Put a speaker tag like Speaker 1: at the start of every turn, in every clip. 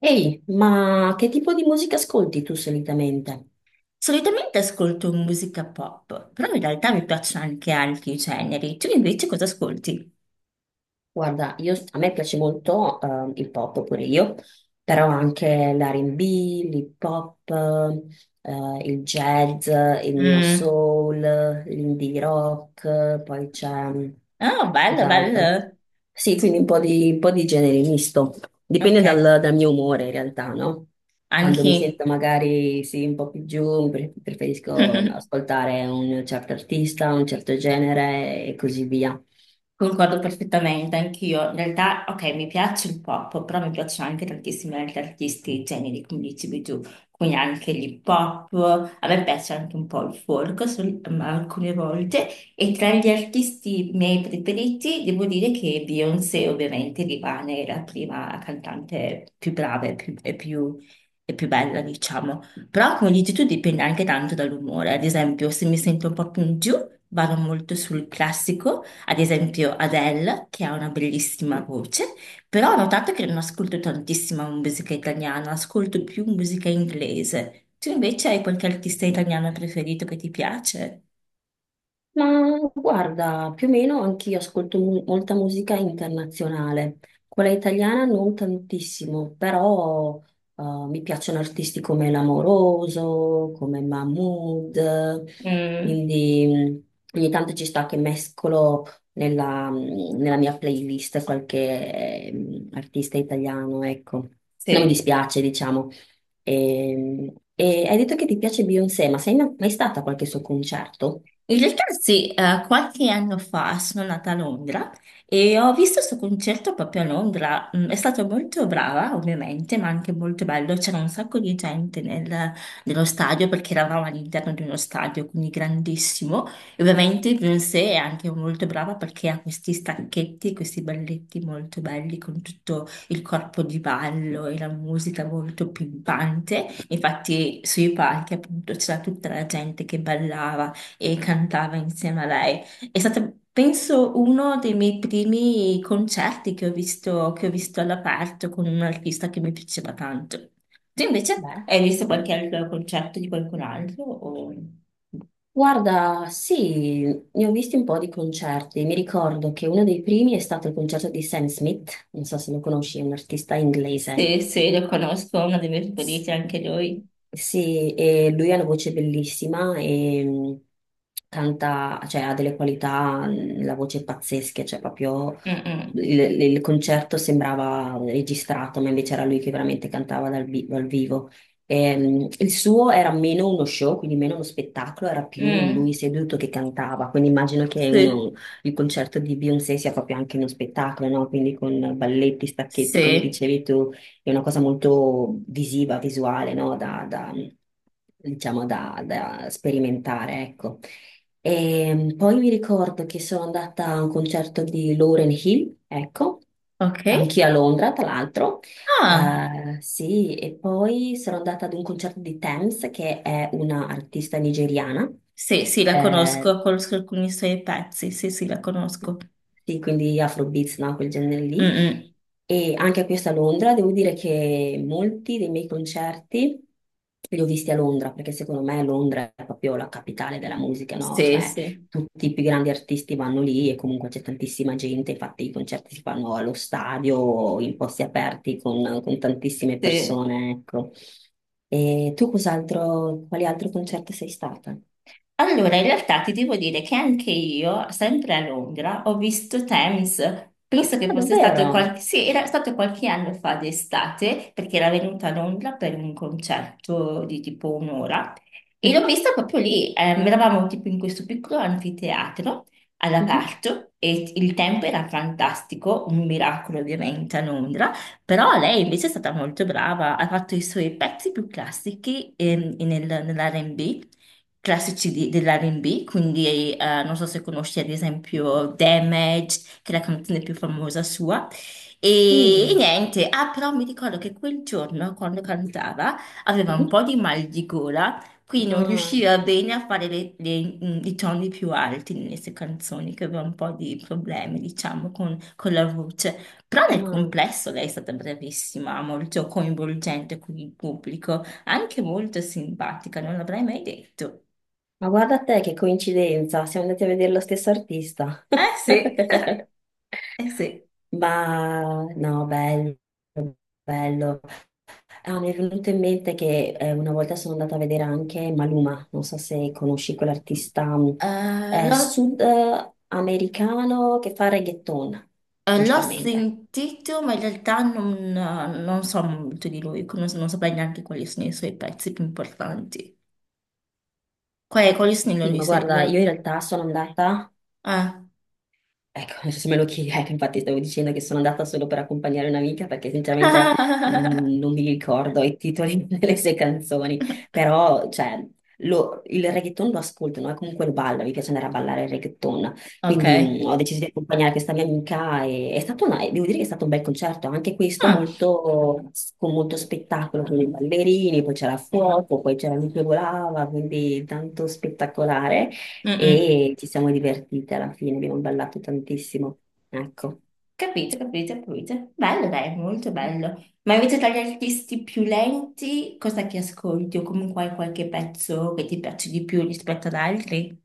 Speaker 1: Ehi, ma che tipo di musica ascolti tu solitamente?
Speaker 2: Solitamente ascolto musica pop, però in realtà mi piacciono anche altri generi. Tu invece cosa ascolti?
Speaker 1: Guarda, a me piace molto il pop pure io, però anche l'R&B, l'hip hop, il jazz, il neo
Speaker 2: Mm.
Speaker 1: soul, l'indie rock, poi c'è mm,
Speaker 2: Oh, bello,
Speaker 1: cos'altro.
Speaker 2: bello.
Speaker 1: Sì, quindi
Speaker 2: Sì.
Speaker 1: un po' di genere misto.
Speaker 2: Ok,
Speaker 1: Dipende dal, dal mio umore in realtà, no? Quando mi
Speaker 2: anche.
Speaker 1: sento magari sì, un po' più giù, preferisco ascoltare un certo artista, un certo genere e così via.
Speaker 2: Concordo perfettamente, anch'io. In realtà, ok, mi piace il pop, però mi piacciono anche tantissimi altri artisti e generi, come dicevi tu, quindi anche l'hip hop. A me piace anche un po' il folk, ma alcune volte. E tra gli artisti miei preferiti, devo dire che Beyoncé ovviamente rimane la prima cantante più brava e più, e più bella, diciamo. Però, come dici tu, dipende anche tanto dall'umore. Ad esempio, se mi sento un po' più in giù, vado molto sul classico. Ad esempio Adele, che ha una bellissima voce, però ho notato che non ascolto tantissima musica italiana, ascolto più musica inglese. Tu invece hai qualche artista italiano preferito che ti piace?
Speaker 1: Ma guarda, più o meno anch'io ascolto molta musica internazionale, quella italiana non tantissimo, però eh, mi piacciono artisti come L'Amoroso, come Mahmood,
Speaker 2: Mm,
Speaker 1: quindi ogni tanto ci sta che mescolo nella mia playlist qualche artista italiano, ecco. Non mi
Speaker 2: sì.
Speaker 1: dispiace, diciamo. E hai detto che ti piace Beyoncé, ma sei mai mai stata a qualche suo concerto?
Speaker 2: In realtà sì, qualche anno fa sono nata a Londra e ho visto questo concerto proprio a Londra. Mm, è stata molto brava, ovviamente, ma anche molto bello. C'era un sacco di gente nello stadio perché eravamo all'interno di uno stadio, quindi grandissimo. E ovviamente Beyoncé è anche molto brava perché ha questi stacchetti, questi balletti molto belli con tutto il corpo di ballo e la musica molto pimpante. Infatti sui palchi appunto c'era tutta la gente che ballava e cantava insieme a lei. È stato, penso, uno dei miei primi concerti che ho visto, all'aperto con un artista che mi piaceva tanto. Tu invece
Speaker 1: Beh.
Speaker 2: hai visto qualche altro concerto di qualcun altro? O...
Speaker 1: Guarda, sì, ne ho visti un po' di concerti. Mi ricordo che uno dei primi è stato il concerto di Sam Smith, non so se lo conosci, è un artista inglese.
Speaker 2: Se lo conosco, uno dei miei favoriti, anche lui.
Speaker 1: Sì, e lui ha una voce bellissima e canta, cioè ha delle qualità, la voce è pazzesca, cioè proprio
Speaker 2: Mm-mm.
Speaker 1: il, il concerto sembrava registrato, ma invece era lui che veramente cantava dal, dal vivo. E, il suo era meno uno show, quindi meno uno spettacolo, era più
Speaker 2: Mm.
Speaker 1: lui seduto che cantava, quindi immagino che
Speaker 2: Sì,
Speaker 1: il concerto di Beyoncé sia proprio anche uno spettacolo, no? Quindi con balletti, stacchetti, come
Speaker 2: sì,
Speaker 1: dicevi tu è una cosa molto visiva, visuale, no? Da, da, diciamo, da, da sperimentare, ecco. E poi mi ricordo che sono andata a un concerto di Lauren Hill, ecco,
Speaker 2: ok.
Speaker 1: anch'io a Londra, tra l'altro.
Speaker 2: Ah,
Speaker 1: Sì, e poi sono andata ad un concerto di Tems, che è una artista nigeriana.
Speaker 2: sì, sì, la
Speaker 1: Eh,
Speaker 2: conosco, conosco alcuni suoi pezzi, sì, sì, la conosco.
Speaker 1: sì, quindi Afrobeats, no? Quel genere lì.
Speaker 2: Mm-mm.
Speaker 1: E anche questo a Londra, devo dire che molti dei miei concerti li ho visti a Londra, perché secondo me Londra è proprio la capitale della musica, no?
Speaker 2: Sì,
Speaker 1: Cioè,
Speaker 2: sì,
Speaker 1: tutti i più grandi artisti vanno lì e comunque c'è tantissima gente, infatti i concerti si fanno allo stadio, o in posti aperti con tantissime
Speaker 2: sì.
Speaker 1: persone, ecco. E tu cos'altro, quali altri concerti sei stata?
Speaker 2: Allora, in realtà ti devo dire che anche io, sempre a Londra, ho visto Thames. Penso che
Speaker 1: Ah,
Speaker 2: fosse stato
Speaker 1: davvero?
Speaker 2: qualche, sì, era stato qualche anno fa d'estate, perché era venuta a Londra per un concerto di tipo un'ora. E l'ho
Speaker 1: Mhm,
Speaker 2: vista proprio lì, eravamo tipo in questo piccolo anfiteatro
Speaker 1: mhm,
Speaker 2: all'aperto e il tempo era fantastico, un miracolo ovviamente a Londra, però lei invece è stata molto brava, ha fatto i suoi pezzi più classici nell'R&B, dell'R&B, quindi non so se conosci ad esempio Damage, che è la canzone più famosa sua, e
Speaker 1: mm,
Speaker 2: niente, ah però mi ricordo che quel giorno quando cantava aveva un po'
Speaker 1: mhm.
Speaker 2: di mal di gola. Qui non
Speaker 1: Ah,
Speaker 2: riusciva bene a fare i toni più alti nelle sue canzoni, che aveva un po' di problemi, diciamo, con la voce. Però nel
Speaker 1: ah.
Speaker 2: complesso lei è stata bravissima, molto coinvolgente con il pubblico, anche molto simpatica, non l'avrei mai detto.
Speaker 1: Ma guarda te che coincidenza, siamo andati a vedere lo stesso artista.
Speaker 2: Eh sì, eh sì.
Speaker 1: Ma no, bello, bello. Ah, mi è venuto in mente che una volta sono andata a vedere anche Maluma, non so se conosci quell'artista
Speaker 2: Eh, l'ho
Speaker 1: sudamericano che fa reggaeton
Speaker 2: eh, l'ho
Speaker 1: principalmente.
Speaker 2: sentito, ma in realtà non, non so molto di lui, non, non saprei neanche quali sono i suoi pezzi più importanti. Quali sono i
Speaker 1: Sì,
Speaker 2: loro- i
Speaker 1: ma
Speaker 2: suoi- i
Speaker 1: guarda, io
Speaker 2: loro-
Speaker 1: in realtà sono andata.
Speaker 2: Ah.
Speaker 1: Ecco, se me lo chiedi, ecco, infatti stavo dicendo che sono andata solo per accompagnare un'amica perché sinceramente non mi ricordo i titoli delle sue canzoni, però cioè, il reggaeton lo ascolto, no? E comunque lo ballo, mi piace andare a ballare il reggaeton,
Speaker 2: Ok.
Speaker 1: quindi ho deciso di accompagnare questa mia amica e è stato devo dire che è stato un bel concerto, anche questo
Speaker 2: Ah.
Speaker 1: molto, con molto spettacolo, con i ballerini, poi c'era fuoco, poi c'era lui che volava, quindi tanto spettacolare
Speaker 2: Mm-mm.
Speaker 1: e ci siamo divertite alla fine, abbiamo ballato tantissimo. Ecco.
Speaker 2: Capito, capito, capito. Bello, dai, molto bello. Ma invece tra gli artisti più lenti, cosa che ascolti? O comunque hai qualche pezzo che ti piace di più rispetto ad altri?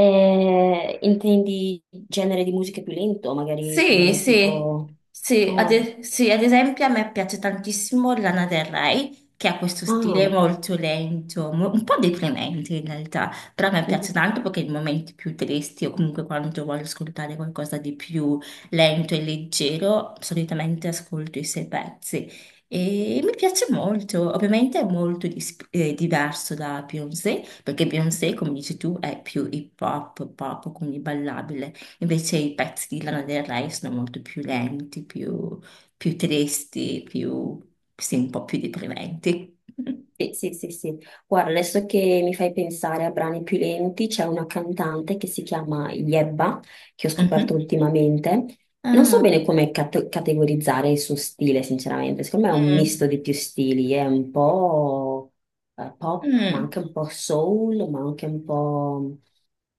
Speaker 1: Intendi genere di musica più lento, magari
Speaker 2: Sì, sì,
Speaker 1: tipo... Oh,
Speaker 2: sì, ad esempio a me piace tantissimo Lana Del Rey, che ha questo stile
Speaker 1: ah,
Speaker 2: molto lento, un po' deprimente in realtà, però a me piace
Speaker 1: mhm.
Speaker 2: tanto perché in momenti più tristi o comunque quando voglio ascoltare qualcosa di più lento e leggero, solitamente ascolto i suoi pezzi e mi piace molto, ovviamente è molto diverso da Beyoncé, perché Beyoncé, come dici tu, è più hip hop, pop, quindi ballabile. Invece i pezzi di Lana Del Rey sono molto più lenti, più, più tristi, più, sì, un po' più deprimenti.
Speaker 1: Sì, sì, sì, sì. Guarda, adesso che mi fai pensare a brani più lenti, c'è una cantante che si chiama Yebba, che ho scoperto
Speaker 2: Mhm.
Speaker 1: ultimamente. Non so
Speaker 2: Ah,
Speaker 1: bene come categorizzare il suo stile, sinceramente. Secondo me è un
Speaker 2: mm,
Speaker 1: misto di più stili, è un po' pop, ma
Speaker 2: mm,
Speaker 1: anche un po' soul, ma anche un po'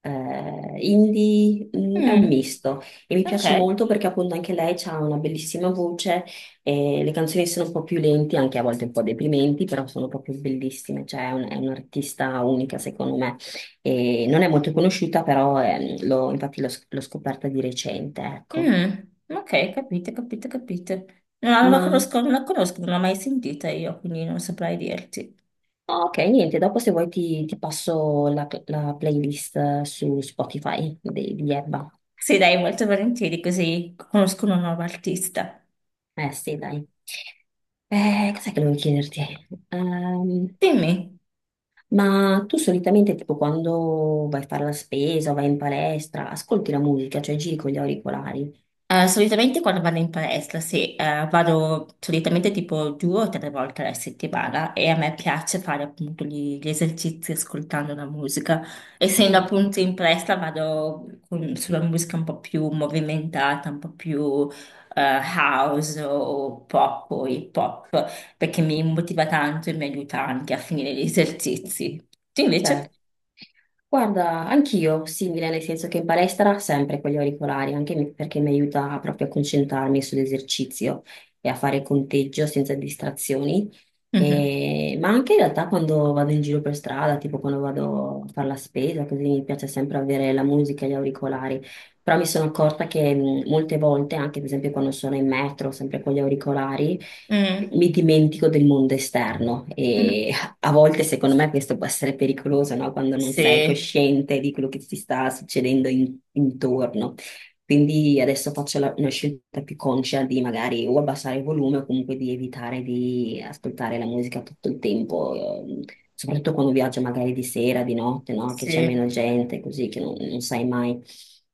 Speaker 1: indie, è un
Speaker 2: mm.
Speaker 1: misto e mi
Speaker 2: Ok,
Speaker 1: piace molto perché appunto anche lei ha una bellissima voce e le canzoni sono un po' più lenti, anche a volte un po' deprimenti, però sono proprio bellissime, cioè è è un'artista unica secondo me. E non è molto conosciuta, però infatti l'ho scoperta di recente, ecco.
Speaker 2: mm, ok, capite, capite, capite. No, non la
Speaker 1: Ma
Speaker 2: conosco, non la conosco, non l'ho mai sentita io, quindi non saprei dirti.
Speaker 1: ok, niente, dopo se vuoi ti, ti passo la, la playlist su Spotify di Ebba.
Speaker 2: Sì, dai, molto volentieri, così conosco una nuova artista.
Speaker 1: Eh sì, dai. Cos'è che volevo chiederti? Ehm,
Speaker 2: Dimmi.
Speaker 1: ma tu solitamente, tipo, quando vai a fare la spesa o vai in palestra, ascolti la musica, cioè giri con gli auricolari?
Speaker 2: Solitamente quando vado in palestra, sì, vado solitamente tipo due o tre volte alla settimana e a me piace fare appunto gli esercizi ascoltando la musica. Essendo appunto in palestra sulla musica un po' più movimentata, un po' più eh, house o pop o hip hop, perché mi motiva tanto e mi aiuta anche a finire gli esercizi. Tu invece?
Speaker 1: Certo. Guarda, anch'io simile, nel senso che in palestra sempre con gli auricolari, anche perché mi aiuta proprio a concentrarmi sull'esercizio e a fare conteggio senza distrazioni.
Speaker 2: Mhm.
Speaker 1: Ma anche in realtà quando vado in giro per strada, tipo quando vado a fare la spesa, così mi piace sempre avere la musica e gli auricolari. Però mi sono accorta che molte volte, anche per esempio quando sono in metro, sempre con gli auricolari,
Speaker 2: Mm.
Speaker 1: mi dimentico del mondo esterno
Speaker 2: Mhm.
Speaker 1: a volte, secondo me, questo può essere pericoloso, no? Quando non sei
Speaker 2: Sì,
Speaker 1: cosciente di quello che ti sta succedendo intorno. Quindi adesso faccio una scelta più conscia di magari o abbassare il volume o comunque di evitare di ascoltare la musica tutto il tempo, soprattutto quando viaggio magari di sera, di notte, no? Che c'è meno
Speaker 2: sì.
Speaker 1: gente, così che non, non sai mai.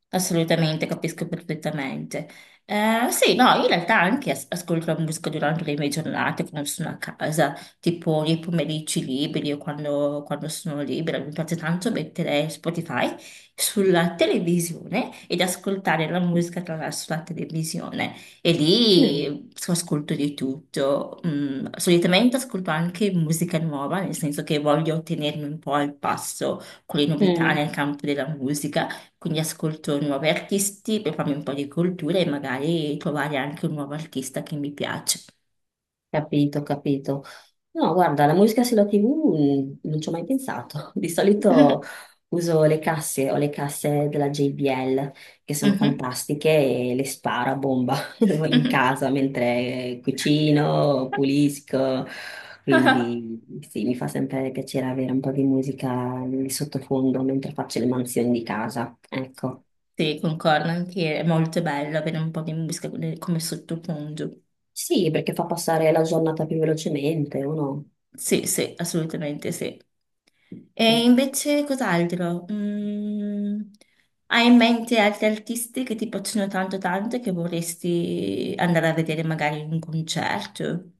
Speaker 2: Assolutamente, capisco perfettamente. Sì, no, in realtà anche ascolto la musica durante le mie giornate quando sono a casa, tipo nei pomeriggi liberi o quando sono libera. Mi piace tanto mettere Spotify sulla televisione ed ascoltare la musica attraverso la televisione. E
Speaker 1: Mm,
Speaker 2: lì ascolto di tutto. Mm, solitamente ascolto anche musica nuova, nel senso che voglio tenermi un po' al passo con le novità
Speaker 1: mm.
Speaker 2: nel campo della musica, quindi ascolto nuovi artisti per farmi un po' di cultura e magari trovare anche un nuovo artista che mi piace.
Speaker 1: Capito, capito. No, guarda, la musica sulla TV non ci ho mai pensato. Di solito uso le casse, ho le casse della JBL che sono
Speaker 2: Mhm,
Speaker 1: fantastiche e le sparo a bomba in
Speaker 2: mhm.
Speaker 1: casa mentre cucino, pulisco. Quindi sì, mi fa sempre piacere avere un po' di musica di sottofondo mentre faccio le mansioni di casa. Ecco.
Speaker 2: Sì, concordo anche, è molto bello avere un po' di musica come come sottofondo.
Speaker 1: Sì, perché fa passare la giornata più velocemente, uno.
Speaker 2: Sì, sì, assolutamente sì. E invece cos'altro? Mm, hai in mente altri artisti che ti piacciono tanto tanto e che vorresti andare a vedere magari in un concerto?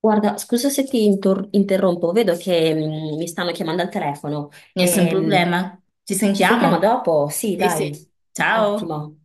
Speaker 1: Guarda, scusa se ti interrompo, vedo che mi stanno chiamando al telefono.
Speaker 2: Nessun
Speaker 1: Ehm,
Speaker 2: problema. Ci
Speaker 1: Ci sentiamo
Speaker 2: sentiamo?
Speaker 1: dopo? Sì,
Speaker 2: Sì,
Speaker 1: dai,
Speaker 2: sì. Ciao.
Speaker 1: ottimo.